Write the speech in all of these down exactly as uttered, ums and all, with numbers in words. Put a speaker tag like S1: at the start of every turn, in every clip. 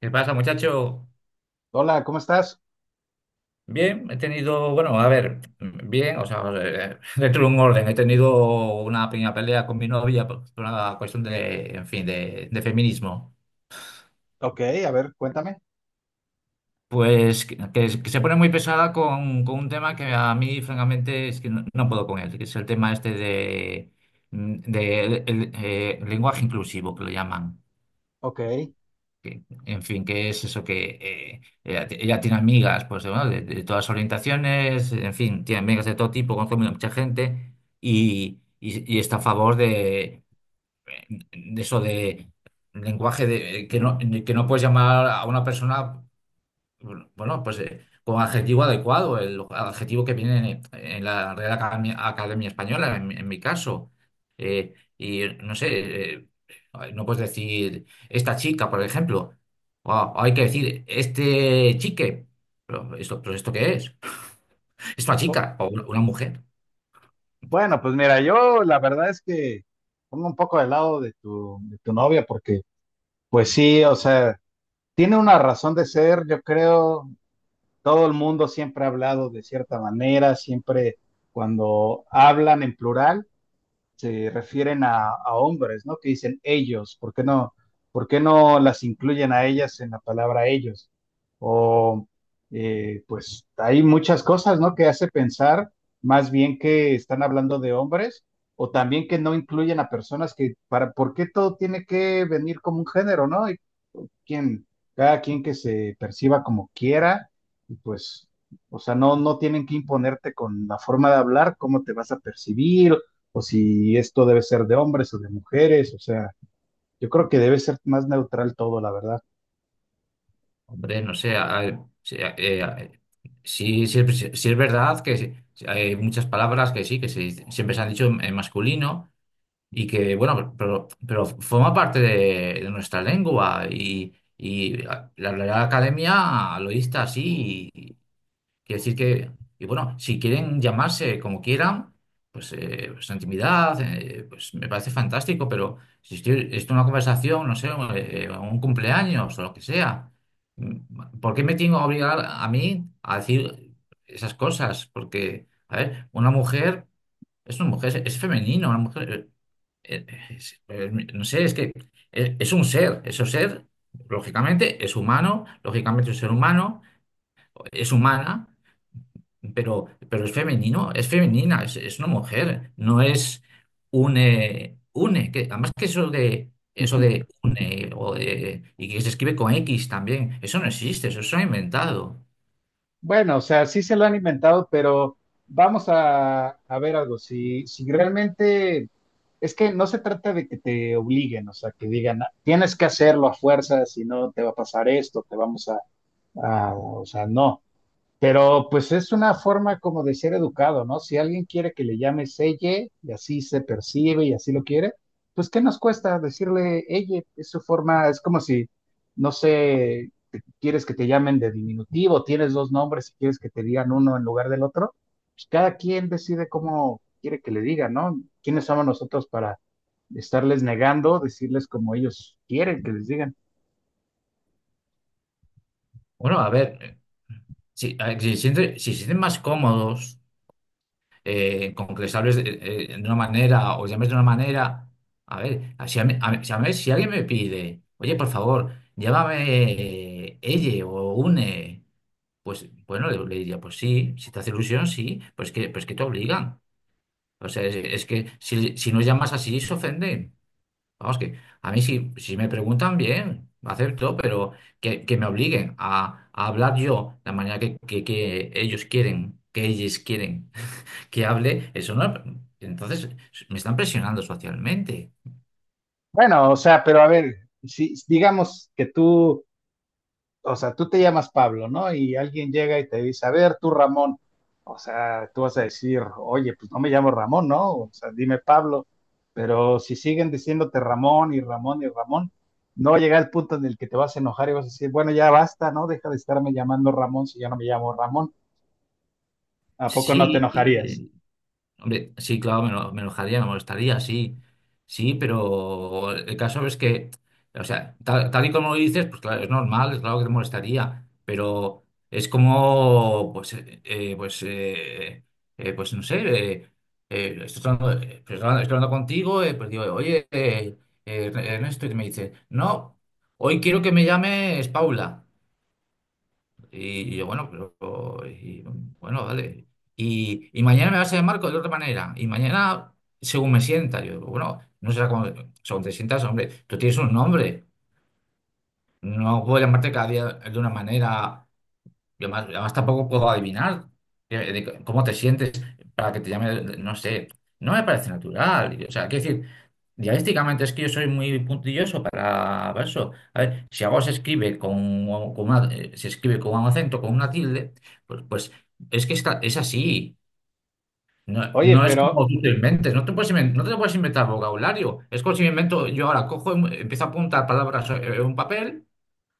S1: ¿Qué pasa, muchacho?
S2: Hola, ¿cómo estás?
S1: Bien, he tenido, bueno, a ver, bien, o sea, eh, dentro de un orden, he tenido una pequeña pelea con mi novia por por una cuestión de, en fin, de, de feminismo.
S2: Ok, a ver, cuéntame.
S1: Pues que, que- que se pone muy pesada con, con un tema que a mí, francamente, es que no, no puedo con él, que es el tema este de, de el- el, eh, lenguaje inclusivo, que lo llaman.
S2: Ok.
S1: Que- en fin, que es eso que eh, ella, ti- ella tiene amigas pues, de, bueno, de- de todas orientaciones, en fin, tiene amigas de todo tipo, conoce mucha gente y, y- y está a favor de, de eso de lenguaje de, que no, que no puedes llamar a una persona. Bueno, bueno, pues eh, con adjetivo adecuado, el adjetivo que viene en, en la Real Academia, Academia Española, en, mi en mi caso. Eh, y no sé, eh, no puedes decir esta chica, por ejemplo, o hay que decir este chique. Pero esto, ¿pero esto qué es? ¿Esta
S2: Bu-
S1: chica o una una mujer?
S2: Bueno, pues mira, yo la verdad es que pongo un poco de lado de tu, de tu novia porque, pues sí, o sea, tiene una razón de ser, yo creo, todo el mundo siempre ha hablado de cierta manera, siempre cuando hablan en plural, se refieren a, a hombres, ¿no? Que dicen ellos. ¿Por qué no, por qué no las incluyen a ellas en la palabra ellos? O eh, pues hay muchas cosas, ¿no? Que hace pensar más bien que están hablando de hombres o también que no incluyen a personas que para, ¿por qué todo tiene que venir como un género, ¿no? Quien, cada quien que se perciba como quiera, y pues, o sea, no, no tienen que imponerte con la forma de hablar, cómo te vas a percibir, o si esto debe ser de hombres o de mujeres. O sea, yo creo que debe ser más neutral todo, la verdad.
S1: Hombre, no sé, a- a- sí, a- eh, a- sí, sí es sí es verdad que sí, hay muchas palabras que sí, que se- dice- siempre se han dicho en en masculino. Y que, bueno, pero, pero forma parte de, de nuestra lengua y, y la Real Academia lo dicta así. Quiere decir que, y bueno, si quieren llamarse como quieran, pues, eh, pues intimidad, eh, pues me parece fantástico, pero si estoy, esto es una conversación, no sé, eh, eh, un cumpleaños o lo que sea, mm, ¿por qué me tengo que obligar a mí a decir esas cosas? Porque, a ver, una mujer es una mujer, es es femenino, una mujer, eh, eh, es- eh, no sé, es que es, es un ser, eso ser, lógicamente es humano, lógicamente es un ser humano, es humana, pero, pero es femenino, es femenina, es, es una mujer, no es une, une, que además que eso de eso de une o de, y que se escribe con X también, eso no existe, eso se ha inventado.
S2: Bueno, o sea, sí se lo han inventado, pero vamos a, a ver algo, si, si realmente... Es que no se trata de que te obliguen, o sea, que digan, "Ah, tienes que hacerlo a fuerza, si no te va a pasar esto, te vamos a, a", o sea, no. Pero pues es una forma como de ser educado, ¿no? Si alguien quiere que le llame ella y así se percibe y así lo quiere, pues ¿qué nos cuesta decirle ella? Es su forma, es como si, no sé, te- quieres que te llamen de diminutivo, tienes dos nombres y quieres que te digan uno en lugar del otro, pues cada quien decide cómo quiere que le diga, ¿no? ¿Quiénes somos nosotros para estarles negando, decirles como ellos quieren que les digan?
S1: Bueno, a ver, si, a ver, si, se siente- si se sienten más cómodos eh, con que les hables de, eh, de una manera o les llames de una manera, a ver, si, a mí- a mí- si, a mí, si alguien me pide, oye, por favor, llévame eh, ella o une. Pues bueno, le, le diría, pues sí, si te hace ilusión, sí, pues que, pues que te obligan. O sea, es, es que si, si no llamas así, se ofenden. Vamos, que a mí si, si me preguntan bien, acepto, pero que, que me obliguen a, a hablar yo la manera que, que- que ellos quieren, que ellos quieren que hable, eso no. Entonces, me están presionando socialmente.
S2: Bueno, o sea, pero a ver, si digamos que tú, o sea, tú te llamas Pablo, ¿no? Y alguien llega y te dice, a ver, tú Ramón, o sea, tú vas a decir, oye, pues no me llamo Ramón, ¿no? O sea, dime Pablo, pero si siguen diciéndote Ramón y Ramón y Ramón, no va a llegar el punto en el que te vas a enojar y vas a decir, bueno, ya basta, ¿no? Deja de estarme llamando Ramón si ya no me llamo Ramón. ¿A poco no te
S1: Sí,
S2: enojarías?
S1: hombre, sí, claro, me, lo- me enojaría, me molestaría, sí, sí, pero el caso es que, o sea, tal, tal y como lo dices, pues claro, es normal, es claro que te molestaría, pero es como, pues, eh, eh, pues, eh, eh, pues no sé, eh, eh, estoy hablando, eh, pues, hablando- estoy hablando contigo, eh, pues digo, oye, eh, eh, Ernesto, y me dice, no, hoy quiero que me llames Paula. Y yo, bueno, pero, y, bueno, dale. Y, y mañana me vas a llamar co- de otra manera. Y mañana, según me sienta, yo, bueno, no será como, según te sientas, hombre, tú tienes un nombre. No puedo llamarte cada día de una manera. Y además, además tampoco puedo adivinar eh, de c- cómo te sientes para que te llame, no sé. No me parece natural. Y, o sea, quiero decir, dialécticamente es que yo soy muy puntilloso para para eso. A ver, si algo se escribe con, con una, eh, se escribe con un acento, con una tilde, pues, pues es que está, es así. No,
S2: Oye,
S1: no es
S2: pero
S1: como tú te inventes, no te puedes inven- no te puedes inventar vocabulario. Es como si me invento, yo ahora cojo, y empiezo a apuntar palabras eh, en un papel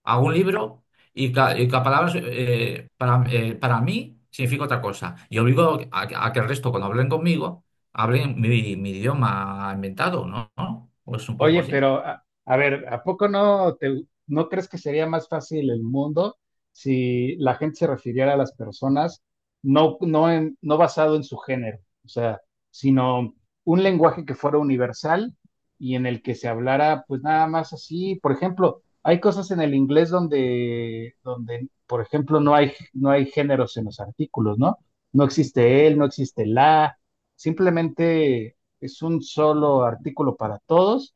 S1: a un libro y, ca- y cada palabra eh, para, eh, para mí significa otra cosa. Y obligo a, que a que el resto, cuando hablen conmigo, hablen mi, mi idioma inventado, ¿no? ¿No? Pues un poco
S2: oye,
S1: así.
S2: pero a, a ver, ¿a poco no te, no crees que sería más fácil el mundo si la gente se refiriera a las personas no, no, en- no basado en su género, o sea, sino un lenguaje que fuera universal y en el que se hablara pues nada más así? Por ejemplo, hay cosas en el inglés donde, donde, por ejemplo, no hay, no hay géneros en los artículos, ¿no? No existe él, no existe la, simplemente es un solo artículo para todos,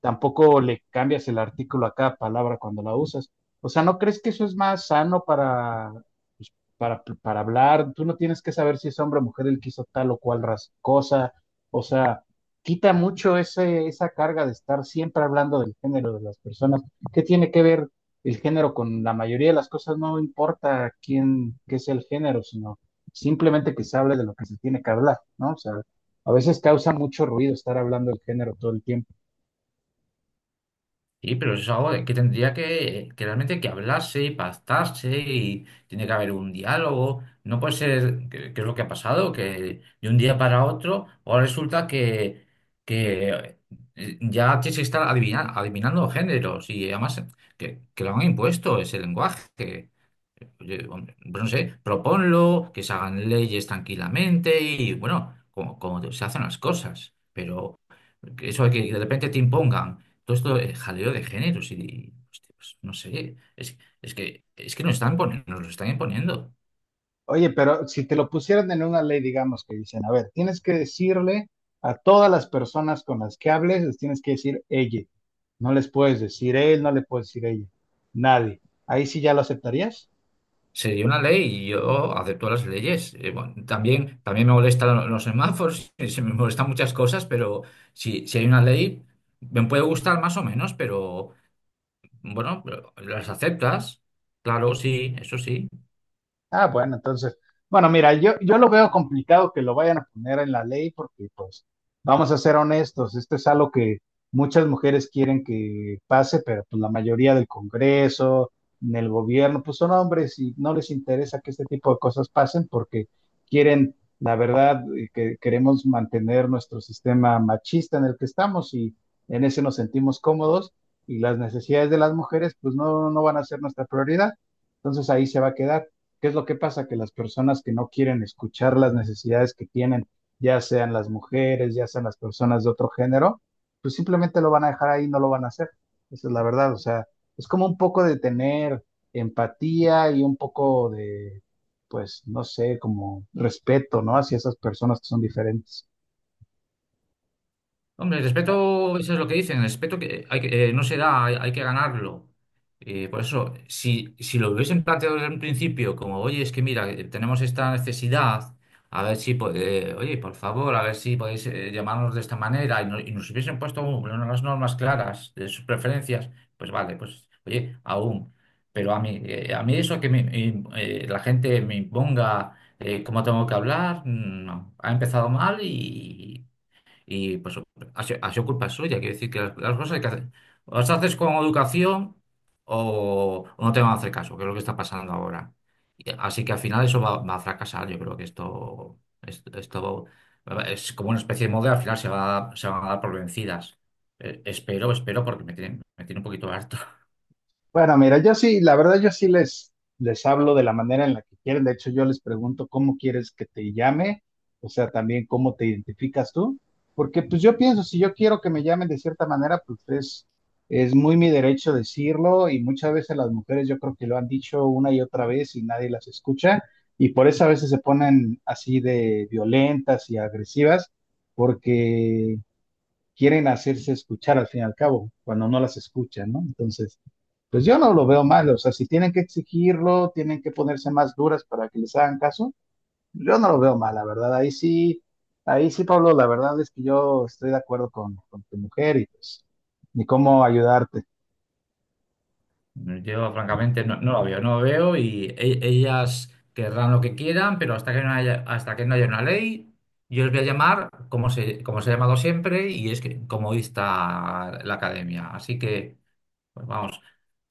S2: tampoco le cambias el artículo a cada palabra cuando la usas. O sea, ¿no crees que eso es más sano para, pues, para, para hablar? Tú no tienes que saber si es hombre o mujer el que hizo tal o cual ras- cosa. O sea, quita mucho ese, esa carga de estar siempre hablando del género de las personas. ¿Qué tiene que ver el género con la mayoría de las cosas? No importa quién, qué sea el género, sino simplemente que se hable de lo que se tiene que hablar, ¿no? O sea, a veces causa mucho ruido estar hablando del género todo el tiempo.
S1: Sí, pero eso es algo de que tendría que, que realmente que hablarse y pactarse y tiene que haber un diálogo. No puede ser, que, que es lo que ha pasado, que de un día para otro, ahora resulta que, que eh, ya tienes que estar adivina- adivinando géneros y además que, que lo han impuesto ese lenguaje. Oye, hombre, pues no sé, proponlo, que se hagan leyes tranquilamente y bueno, como, como se hacen las cosas, pero eso de que de repente te impongan todo esto de jaleo de géneros y, hostia, pues, no sé, es, es que es que nos están poniendo, nos lo están imponiendo.
S2: Oye, pero si te lo pusieran en una ley, digamos que dicen, a ver, tienes que decirle a todas las personas con las que hables, les tienes que decir ella. No les puedes decir él, no le puedes decir ella. Nadie. Ahí sí ya lo aceptarías.
S1: Sería una ley y yo acepto las leyes. Eh, bueno, también, también me molestan lo- los semáforos, y se me molestan muchas cosas, pero si, si hay una ley, me puede gustar más o menos, pero bueno, pero las aceptas, claro, sí, eso sí.
S2: Ah, bueno, entonces, bueno, mira, yo, yo lo veo complicado que lo vayan a poner en la ley porque, pues, vamos a ser honestos, esto es algo que muchas mujeres quieren que pase, pero pues la mayoría del Congreso, en el gobierno, pues son hombres y no les interesa que este tipo de cosas pasen porque quieren, la verdad, eh, que queremos mantener nuestro sistema machista en el que estamos y en ese nos sentimos cómodos y las necesidades de las mujeres, pues no, no van a ser nuestra prioridad. Entonces ahí se va a quedar. ¿Qué es lo que pasa? Que las personas que no quieren escuchar las necesidades que tienen, ya sean las mujeres, ya sean las personas de otro género, pues simplemente lo van a dejar, ahí no lo van a hacer. Esa es la verdad. O sea, es como un poco de tener empatía y un poco de, pues, no sé, como respeto, ¿no? Hacia esas personas que son diferentes.
S1: Hombre, el respeto, eso es lo que dicen, el respeto que hay que, eh, no se da, hay, hay que ganarlo. Eh, por eso, si, si lo hubiesen planteado desde un principio, como, oye, es que mira, eh, tenemos esta necesidad, a ver si, po- eh, oye, por favor, a ver si podéis eh, llamarnos de esta manera, y, no- y nos hubiesen puesto un- unas normas claras de sus preferencias, pues vale, pues, oye, aún. Pero a mí, eh, a mí eso que me- me- eh, la gente me imponga eh, cómo tengo que hablar, mm, no. Ha empezado mal y pues ha sido, ha sido culpa suya, quiero decir que las, las cosas hay que hacer. O las haces con educación o, o no te van a hacer caso, que es lo que está pasando ahora. Y- Así que al final eso va, va a fracasar. Yo creo que esto, esto, esto es como una especie de moda, al final se va, a- se van a dar por vencidas. Eh, espero, espero, porque me tiene, me tiene un poquito harto.
S2: Bueno, mira, yo sí, la verdad yo sí les, les hablo de la manera en la que quieren. De hecho, yo les pregunto cómo quieres que te llame, o sea, también cómo te identificas tú, porque pues yo pienso, si yo quiero que me llamen de cierta manera, pues es, es muy mi derecho decirlo, y muchas veces las mujeres yo creo que lo han dicho una y otra vez y nadie las escucha y por eso a veces se ponen así de violentas y agresivas, porque quieren hacerse escuchar al fin y al cabo, cuando no las escuchan, ¿no? Entonces, pues yo no lo veo mal, o sea, si tienen que exigirlo, tienen que ponerse más duras para que les hagan caso, yo no lo veo mal, la verdad, ahí sí, ahí sí, Pablo, la verdad es que yo estoy de acuerdo con, con tu mujer y pues, ni cómo ayudarte.
S1: Yo, francamente, no, no lo veo, no lo veo y e- ellas querrán lo que quieran, pero hasta que no haya, hasta que no haya una ley, yo les voy a llamar como se, como se ha llamado siempre y es que, como dicta la academia. Así que, pues vamos,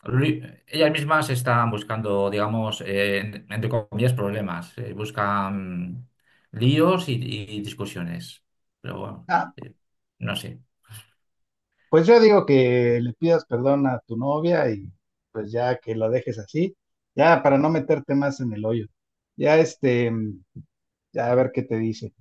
S1: Lu- ellas mismas están buscando, digamos, eh, en- entre comillas, problemas, eh, buscan líos y, y discusiones. Pero bueno,
S2: Ah,
S1: eh, no sé.
S2: pues yo digo que le pidas perdón a tu novia y pues ya que la dejes así, ya para no meterte más en el hoyo, ya este, ya a ver qué te dice.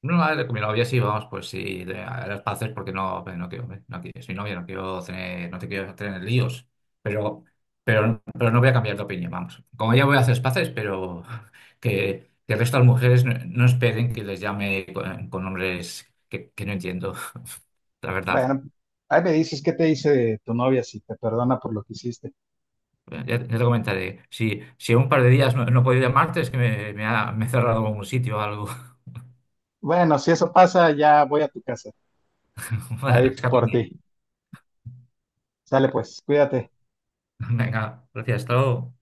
S1: No, vale, con mi novia sí, vamos, pues sí, de- a las paces porque no, no quiero, no quiero, soy novia, no quiero tener, no te quiero tener líos, pero, pero, pero no voy a cambiar de opinión, vamos. Como ya voy a hacer las paces, pero que, que el resto de las mujeres no, no esperen que les llame con, con nombres que, que no entiendo, la verdad.
S2: Bueno, ahí me dices qué te dice tu novia si te perdona por lo que hiciste.
S1: Ya, ya te comentaré, si, si en un par de días no, no he podido llamarte es que me, me ha, me he cerrado algún sitio o algo.
S2: Bueno, si eso pasa, ya voy a tu casa. Ahí por
S1: Escápame.
S2: ti. Sale pues, cuídate.
S1: Venga, gracias, hasta luego.